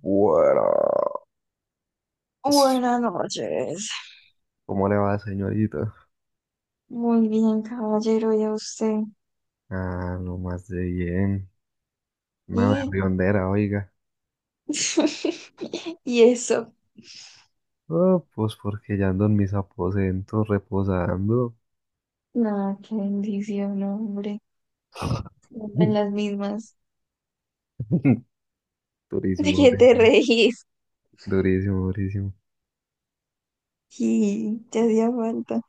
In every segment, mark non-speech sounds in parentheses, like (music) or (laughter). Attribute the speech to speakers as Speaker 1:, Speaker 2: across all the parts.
Speaker 1: Buenas.
Speaker 2: Buenas noches.
Speaker 1: ¿Cómo le va, señorita?
Speaker 2: Muy bien, caballero, ya usted.
Speaker 1: Ah, lo más de bien. Una
Speaker 2: Y,
Speaker 1: berriondera, oiga.
Speaker 2: (laughs) y eso.
Speaker 1: Oh, pues porque ya ando en mis aposentos reposando.
Speaker 2: Nada, qué bendición, no, hombre. En las
Speaker 1: (laughs)
Speaker 2: mismas. (laughs) ¿De
Speaker 1: Durísimo,
Speaker 2: qué te
Speaker 1: durísimo,
Speaker 2: reís?
Speaker 1: durísimo, durísimo.
Speaker 2: Y te hacía falta.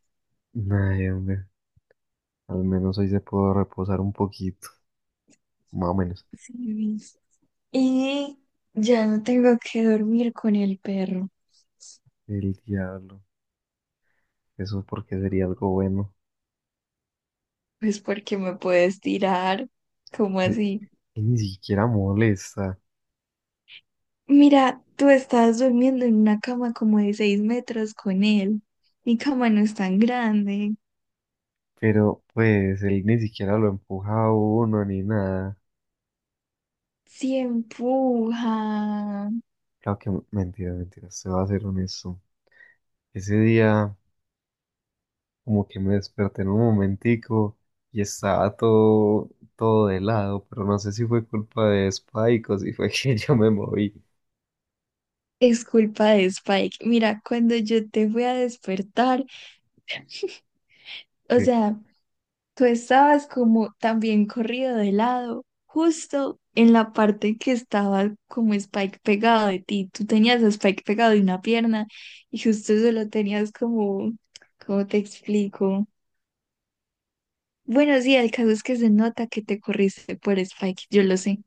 Speaker 1: Ay, hombre, al menos hoy se pudo reposar un poquito, más o menos.
Speaker 2: Sí, y ya no tengo que dormir con el perro.
Speaker 1: El diablo, eso porque sería algo bueno.
Speaker 2: Pues porque me puedes tirar. ¿Cómo
Speaker 1: Eh,
Speaker 2: así?
Speaker 1: que ni siquiera molesta,
Speaker 2: Mira, tú estás durmiendo en una cama como de 6 metros con él. Mi cama no es tan grande.
Speaker 1: pero pues él ni siquiera lo empuja a uno ni nada.
Speaker 2: Si empuja.
Speaker 1: Claro que mentira, mentira, se va a ser honesto. Ese día como que me desperté en un momentico y estaba todo, todo de lado, pero no sé si fue culpa de Spike o si fue (laughs) que yo me moví.
Speaker 2: Es culpa de Spike. Mira, cuando yo te fui a despertar, o
Speaker 1: Que,
Speaker 2: sea, tú estabas como también corrido de lado, justo en la parte que estaba como Spike pegado de ti. Tú tenías a Spike pegado de una pierna y justo eso lo tenías como, ¿cómo te explico? Bueno, sí, el caso es que se nota que te corriste por Spike, yo lo sé.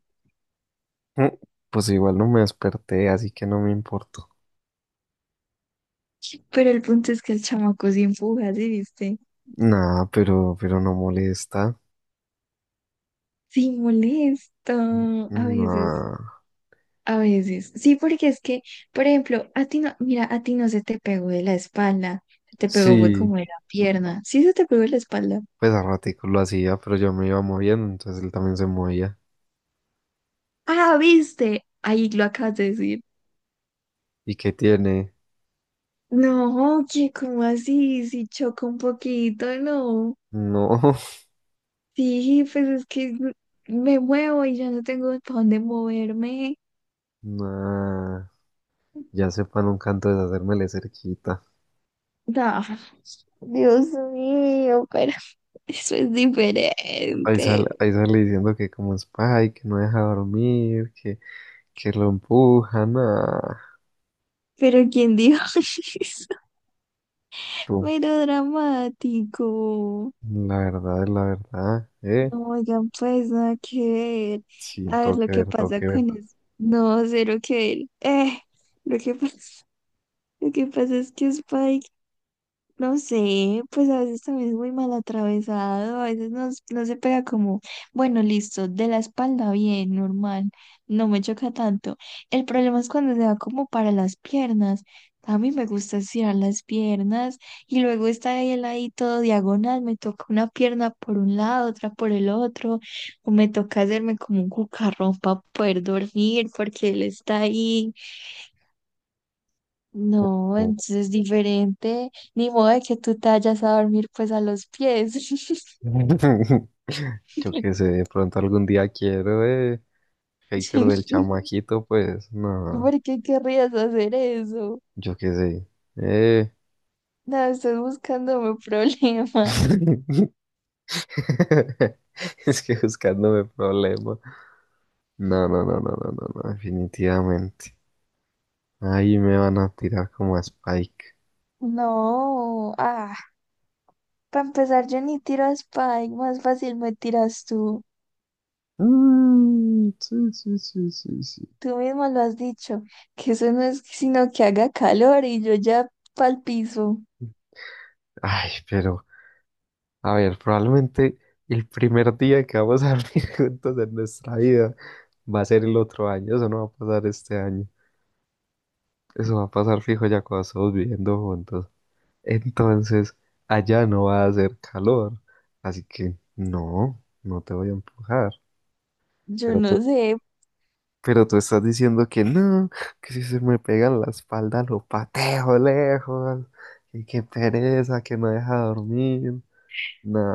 Speaker 1: mm, pues igual no me desperté, así que no me importó.
Speaker 2: Pero el punto es que el chamaco sí empuja, ¿sí viste?
Speaker 1: Nah, pero no molesta.
Speaker 2: Sí, molesto, a veces,
Speaker 1: Nah.
Speaker 2: a veces. Sí, porque es que, por ejemplo, a ti no, mira, a ti no se te pegó de la espalda, se te pegó fue
Speaker 1: Sí,
Speaker 2: como de la pierna. Sí, se te pegó de la espalda.
Speaker 1: pues a ratico lo hacía, pero yo me iba moviendo, entonces él también se movía.
Speaker 2: Ah, viste, ahí lo acabas de decir.
Speaker 1: ¿Y qué tiene?
Speaker 2: No, que como así, si choco un poquito, no.
Speaker 1: No, (laughs)
Speaker 2: Sí, pues es que me muevo y ya no tengo para dónde moverme.
Speaker 1: nah. Ya sepa nunca antes de hacérmele cerquita.
Speaker 2: No, Dios mío, pero (laughs) eso es diferente.
Speaker 1: Ahí sale diciendo que como es pay, que no deja dormir, que lo empujan. Ah,
Speaker 2: Pero ¿quién dijo (laughs) eso?
Speaker 1: tú,
Speaker 2: Mero dramático.
Speaker 1: la verdad es la verdad, ¿eh?
Speaker 2: No, oigan, pues nada que ver.
Speaker 1: Sí,
Speaker 2: A ver
Speaker 1: tengo
Speaker 2: lo
Speaker 1: que
Speaker 2: que
Speaker 1: ver, tengo
Speaker 2: pasa
Speaker 1: que ver.
Speaker 2: con eso. No, cero que ver. Lo que (laughs) pasa, lo que pasa es que Spike. No sé, pues a veces también es muy mal atravesado, a veces no, no se pega como, bueno, listo, de la espalda bien, normal, no me choca tanto. El problema es cuando se va como para las piernas. A mí me gusta estirar las piernas y luego está él ahí todo diagonal, me toca una pierna por un lado, otra por el otro, o me toca hacerme como un cucarrón para poder dormir porque él está ahí no,
Speaker 1: Oh.
Speaker 2: entonces es diferente. Ni modo de que tú te vayas a dormir pues a los pies.
Speaker 1: (laughs) Yo qué sé, de pronto algún día quiero, ¿eh? Hater del
Speaker 2: (laughs)
Speaker 1: chamaquito, pues, no,
Speaker 2: ¿Por qué querrías hacer eso?
Speaker 1: yo qué sé, ¿eh?
Speaker 2: No, estás buscándome (laughs) problema.
Speaker 1: (laughs) Es que buscándome problema. No, no, no, no, no, no, no, definitivamente. Ahí me van a tirar como a Spike.
Speaker 2: No, ah, para empezar yo ni tiro a Spike, más fácil me tiras tú.
Speaker 1: Mm, sí, sí, sí, sí, sí.
Speaker 2: Tú mismo lo has dicho, que eso no es sino que haga calor y yo ya pa'l piso.
Speaker 1: Ay, pero, a ver, probablemente el primer día que vamos a dormir (laughs) juntos en nuestra vida va a ser el otro año. Eso no va a pasar este año. Eso va a pasar fijo ya cuando estamos viviendo juntos. Entonces, allá no va a hacer calor. Así que, no, no te voy a empujar.
Speaker 2: Yo
Speaker 1: Pero
Speaker 2: no sé.
Speaker 1: Pero tú estás diciendo que no, que si se me pega en la espalda lo pateo lejos, y que pereza, que no deja dormir. No,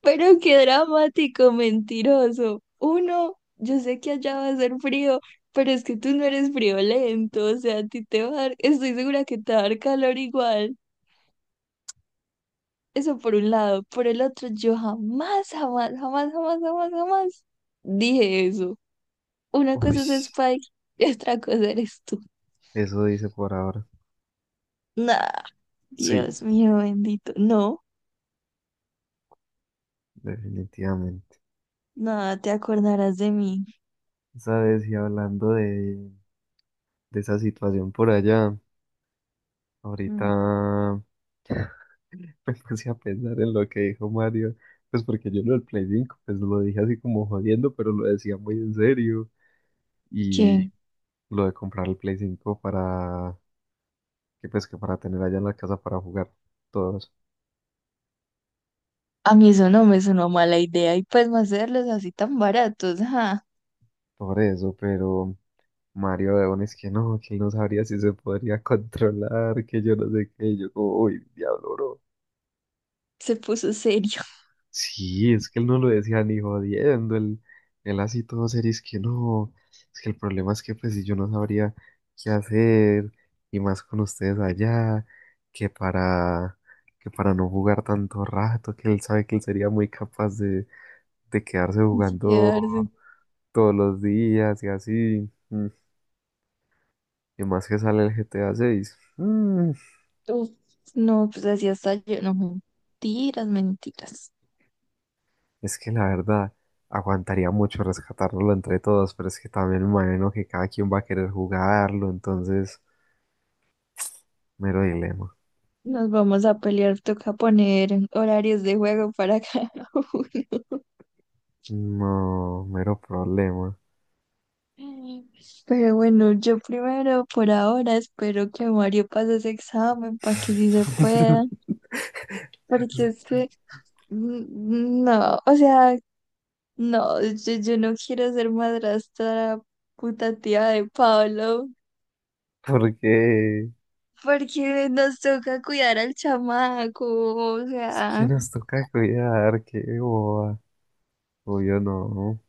Speaker 2: Pero qué dramático, mentiroso. Uno, yo sé que allá va a ser frío, pero es que tú no eres friolento, o sea, a ti te va a dar, estoy segura que te va a dar calor igual. Eso por un lado. Por el otro, yo jamás, jamás, jamás, jamás, jamás, jamás dije eso. Una
Speaker 1: uy,
Speaker 2: cosa es Spike y otra cosa eres tú.
Speaker 1: eso dice por ahora.
Speaker 2: Nah,
Speaker 1: Sí,
Speaker 2: Dios mío bendito. No,
Speaker 1: definitivamente.
Speaker 2: nada, te acordarás de mí.
Speaker 1: Sabes, y hablando de esa situación por allá, ahorita
Speaker 2: Mm.
Speaker 1: (laughs) me puse a pensar en lo que dijo Mario, pues porque yo lo del Play 5 pues lo dije así como jodiendo, pero lo decía muy en serio. Y
Speaker 2: ¿Qué?
Speaker 1: lo de comprar el Play 5 para que pues que para tener allá en la casa para jugar todos
Speaker 2: A mí eso no me sonó mala idea y pues más hacerlos así tan baratos, ajá,
Speaker 1: por eso, pero Mario León es que no, que él no sabría si se podría controlar, que yo no sé qué, y yo como, uy, diablo, bro.
Speaker 2: se puso serio
Speaker 1: Sí, es que él no lo decía ni jodiendo, él así todo serio, es que no, es que el problema es que pues si yo no sabría qué hacer, y más con ustedes allá, que para, que para no jugar tanto rato, que él sabe que él sería muy capaz de quedarse
Speaker 2: (laughs)
Speaker 1: jugando
Speaker 2: quedarse.
Speaker 1: todos los días y así. Y más que sale el GTA 6.
Speaker 2: Uf, no, pues así hasta yo, no, mentiras, mentiras.
Speaker 1: Es que la verdad, aguantaría mucho rescatarlo entre todos, pero es que también me imagino que cada quien va a querer jugarlo, entonces, mero dilema.
Speaker 2: Nos vamos a pelear, toca poner horarios de juego para (laughs) cada uno.
Speaker 1: No, mero problema.
Speaker 2: Pero bueno, yo primero por ahora espero que Mario pase ese examen para que sí se pueda,
Speaker 1: (laughs)
Speaker 2: porque es que mm, mm, no, o sea, no, yo no quiero ser madrastra puta tía de Pablo,
Speaker 1: Porque
Speaker 2: porque nos toca cuidar al chamaco, o
Speaker 1: es que
Speaker 2: sea,
Speaker 1: nos toca cuidar, qué boba. Obvio no,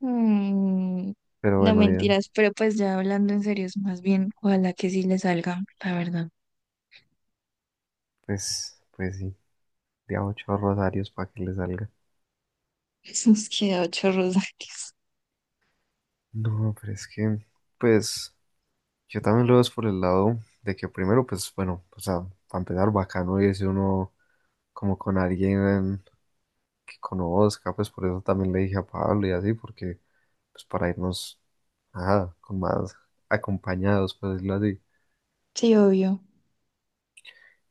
Speaker 2: mm,
Speaker 1: pero
Speaker 2: no
Speaker 1: bueno, ya,
Speaker 2: mentiras, pero pues ya hablando en serio, es más bien, ojalá que sí le salga, la verdad.
Speaker 1: pues sí, de a ocho rosarios para que le salga.
Speaker 2: (laughs) Nos queda 8 rosarios.
Speaker 1: No, pero es que, pues, yo también lo veo es por el lado de que primero, pues, bueno, o sea, para empezar bacano irse uno como con alguien que conozca, pues por eso también le dije a Pablo y así, porque, pues, para irnos, ajá, con más acompañados, por decirlo así.
Speaker 2: Sí, obvio.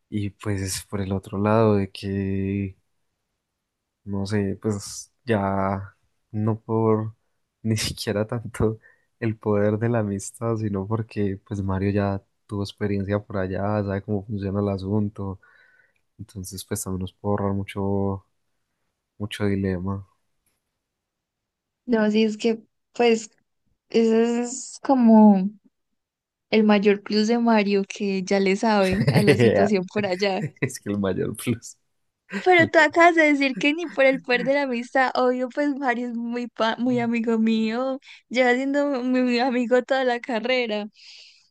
Speaker 1: Y pues, por el otro lado de que no sé, pues ya no por (laughs) ni siquiera tanto el poder de la amistad, sino porque pues Mario ya tuvo experiencia por allá, sabe cómo funciona el asunto, entonces pues también nos puede ahorrar mucho, mucho dilema.
Speaker 2: No, sí, es que, pues, ese es como el mayor plus de Mario, que ya le sabe a la situación
Speaker 1: (laughs)
Speaker 2: por allá.
Speaker 1: Es que el mayor plus.
Speaker 2: Pero tú acabas de decir que ni por el poder de la amistad, obvio, pues Mario es muy, muy amigo mío, lleva siendo mi amigo toda la carrera,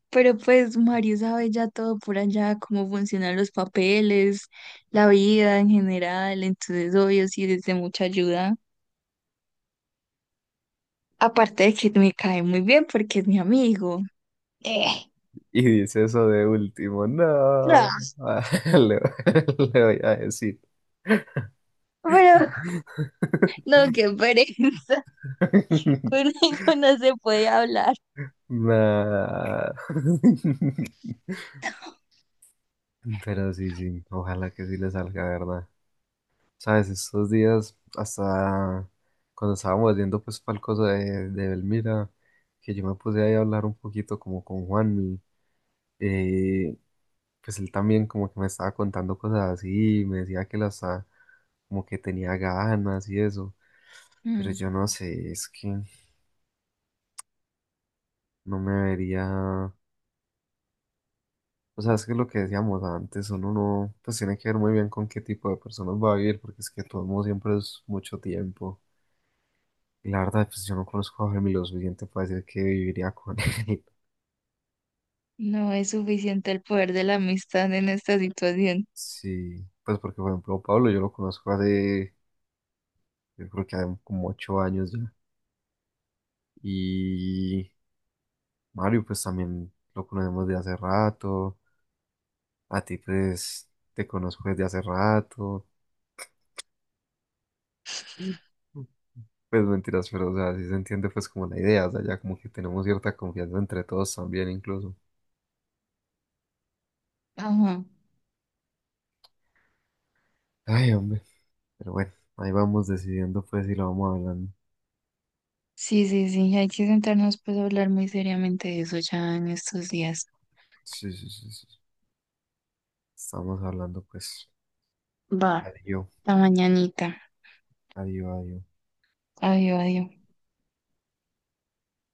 Speaker 2: pero pues Mario sabe ya todo por allá, cómo funcionan los papeles, la vida en general, entonces obvio sí es de mucha ayuda, aparte de que me cae muy bien porque es mi amigo. Eh,
Speaker 1: Y dice eso de último, no,
Speaker 2: No,
Speaker 1: ah, (laughs) le, le voy a decir.
Speaker 2: pero no,
Speaker 1: (laughs)
Speaker 2: qué pereza, (laughs) conmigo no se puede hablar.
Speaker 1: Nah. (laughs) Pero sí, sí, ojalá que sí le salga, ¿verdad? Sabes, estos días, hasta cuando estábamos yendo pues para el coso de Belmira, que yo me puse ahí a hablar un poquito como con Juanmi, eh, pues él también como que me estaba contando cosas así, me decía que las como que tenía ganas y eso, pero
Speaker 2: Mm.
Speaker 1: yo no sé, es que no me vería, o sea, es que lo que decíamos antes, uno no, pues tiene que ver muy bien con qué tipo de personas va a vivir, porque es que todo el mundo siempre es mucho tiempo. La verdad, pues yo no conozco a Jaime lo suficiente para decir que viviría con él. (laughs)
Speaker 2: No es suficiente el poder de la amistad en esta situación.
Speaker 1: Sí, pues porque, por ejemplo, Pablo yo lo conozco hace, yo creo que hace como 8 años ya. Y Mario, pues también lo conocemos de hace rato. A ti, pues, te conozco desde hace rato. Pues mentiras, pero, o sea, sí se entiende, pues, como la idea. O sea, ya como que tenemos cierta confianza entre todos también, incluso.
Speaker 2: Ajá.
Speaker 1: Ay, hombre. Pero bueno, ahí vamos decidiendo, pues, si lo vamos hablando.
Speaker 2: Sí, sí, sí, hay que sentarnos pues a hablar muy seriamente de eso ya en estos días.
Speaker 1: Sí, sí, sí, sí. Estamos hablando pues.
Speaker 2: Va,
Speaker 1: Adiós,
Speaker 2: la mañanita.
Speaker 1: adiós, adiós.
Speaker 2: Adiós, adiós.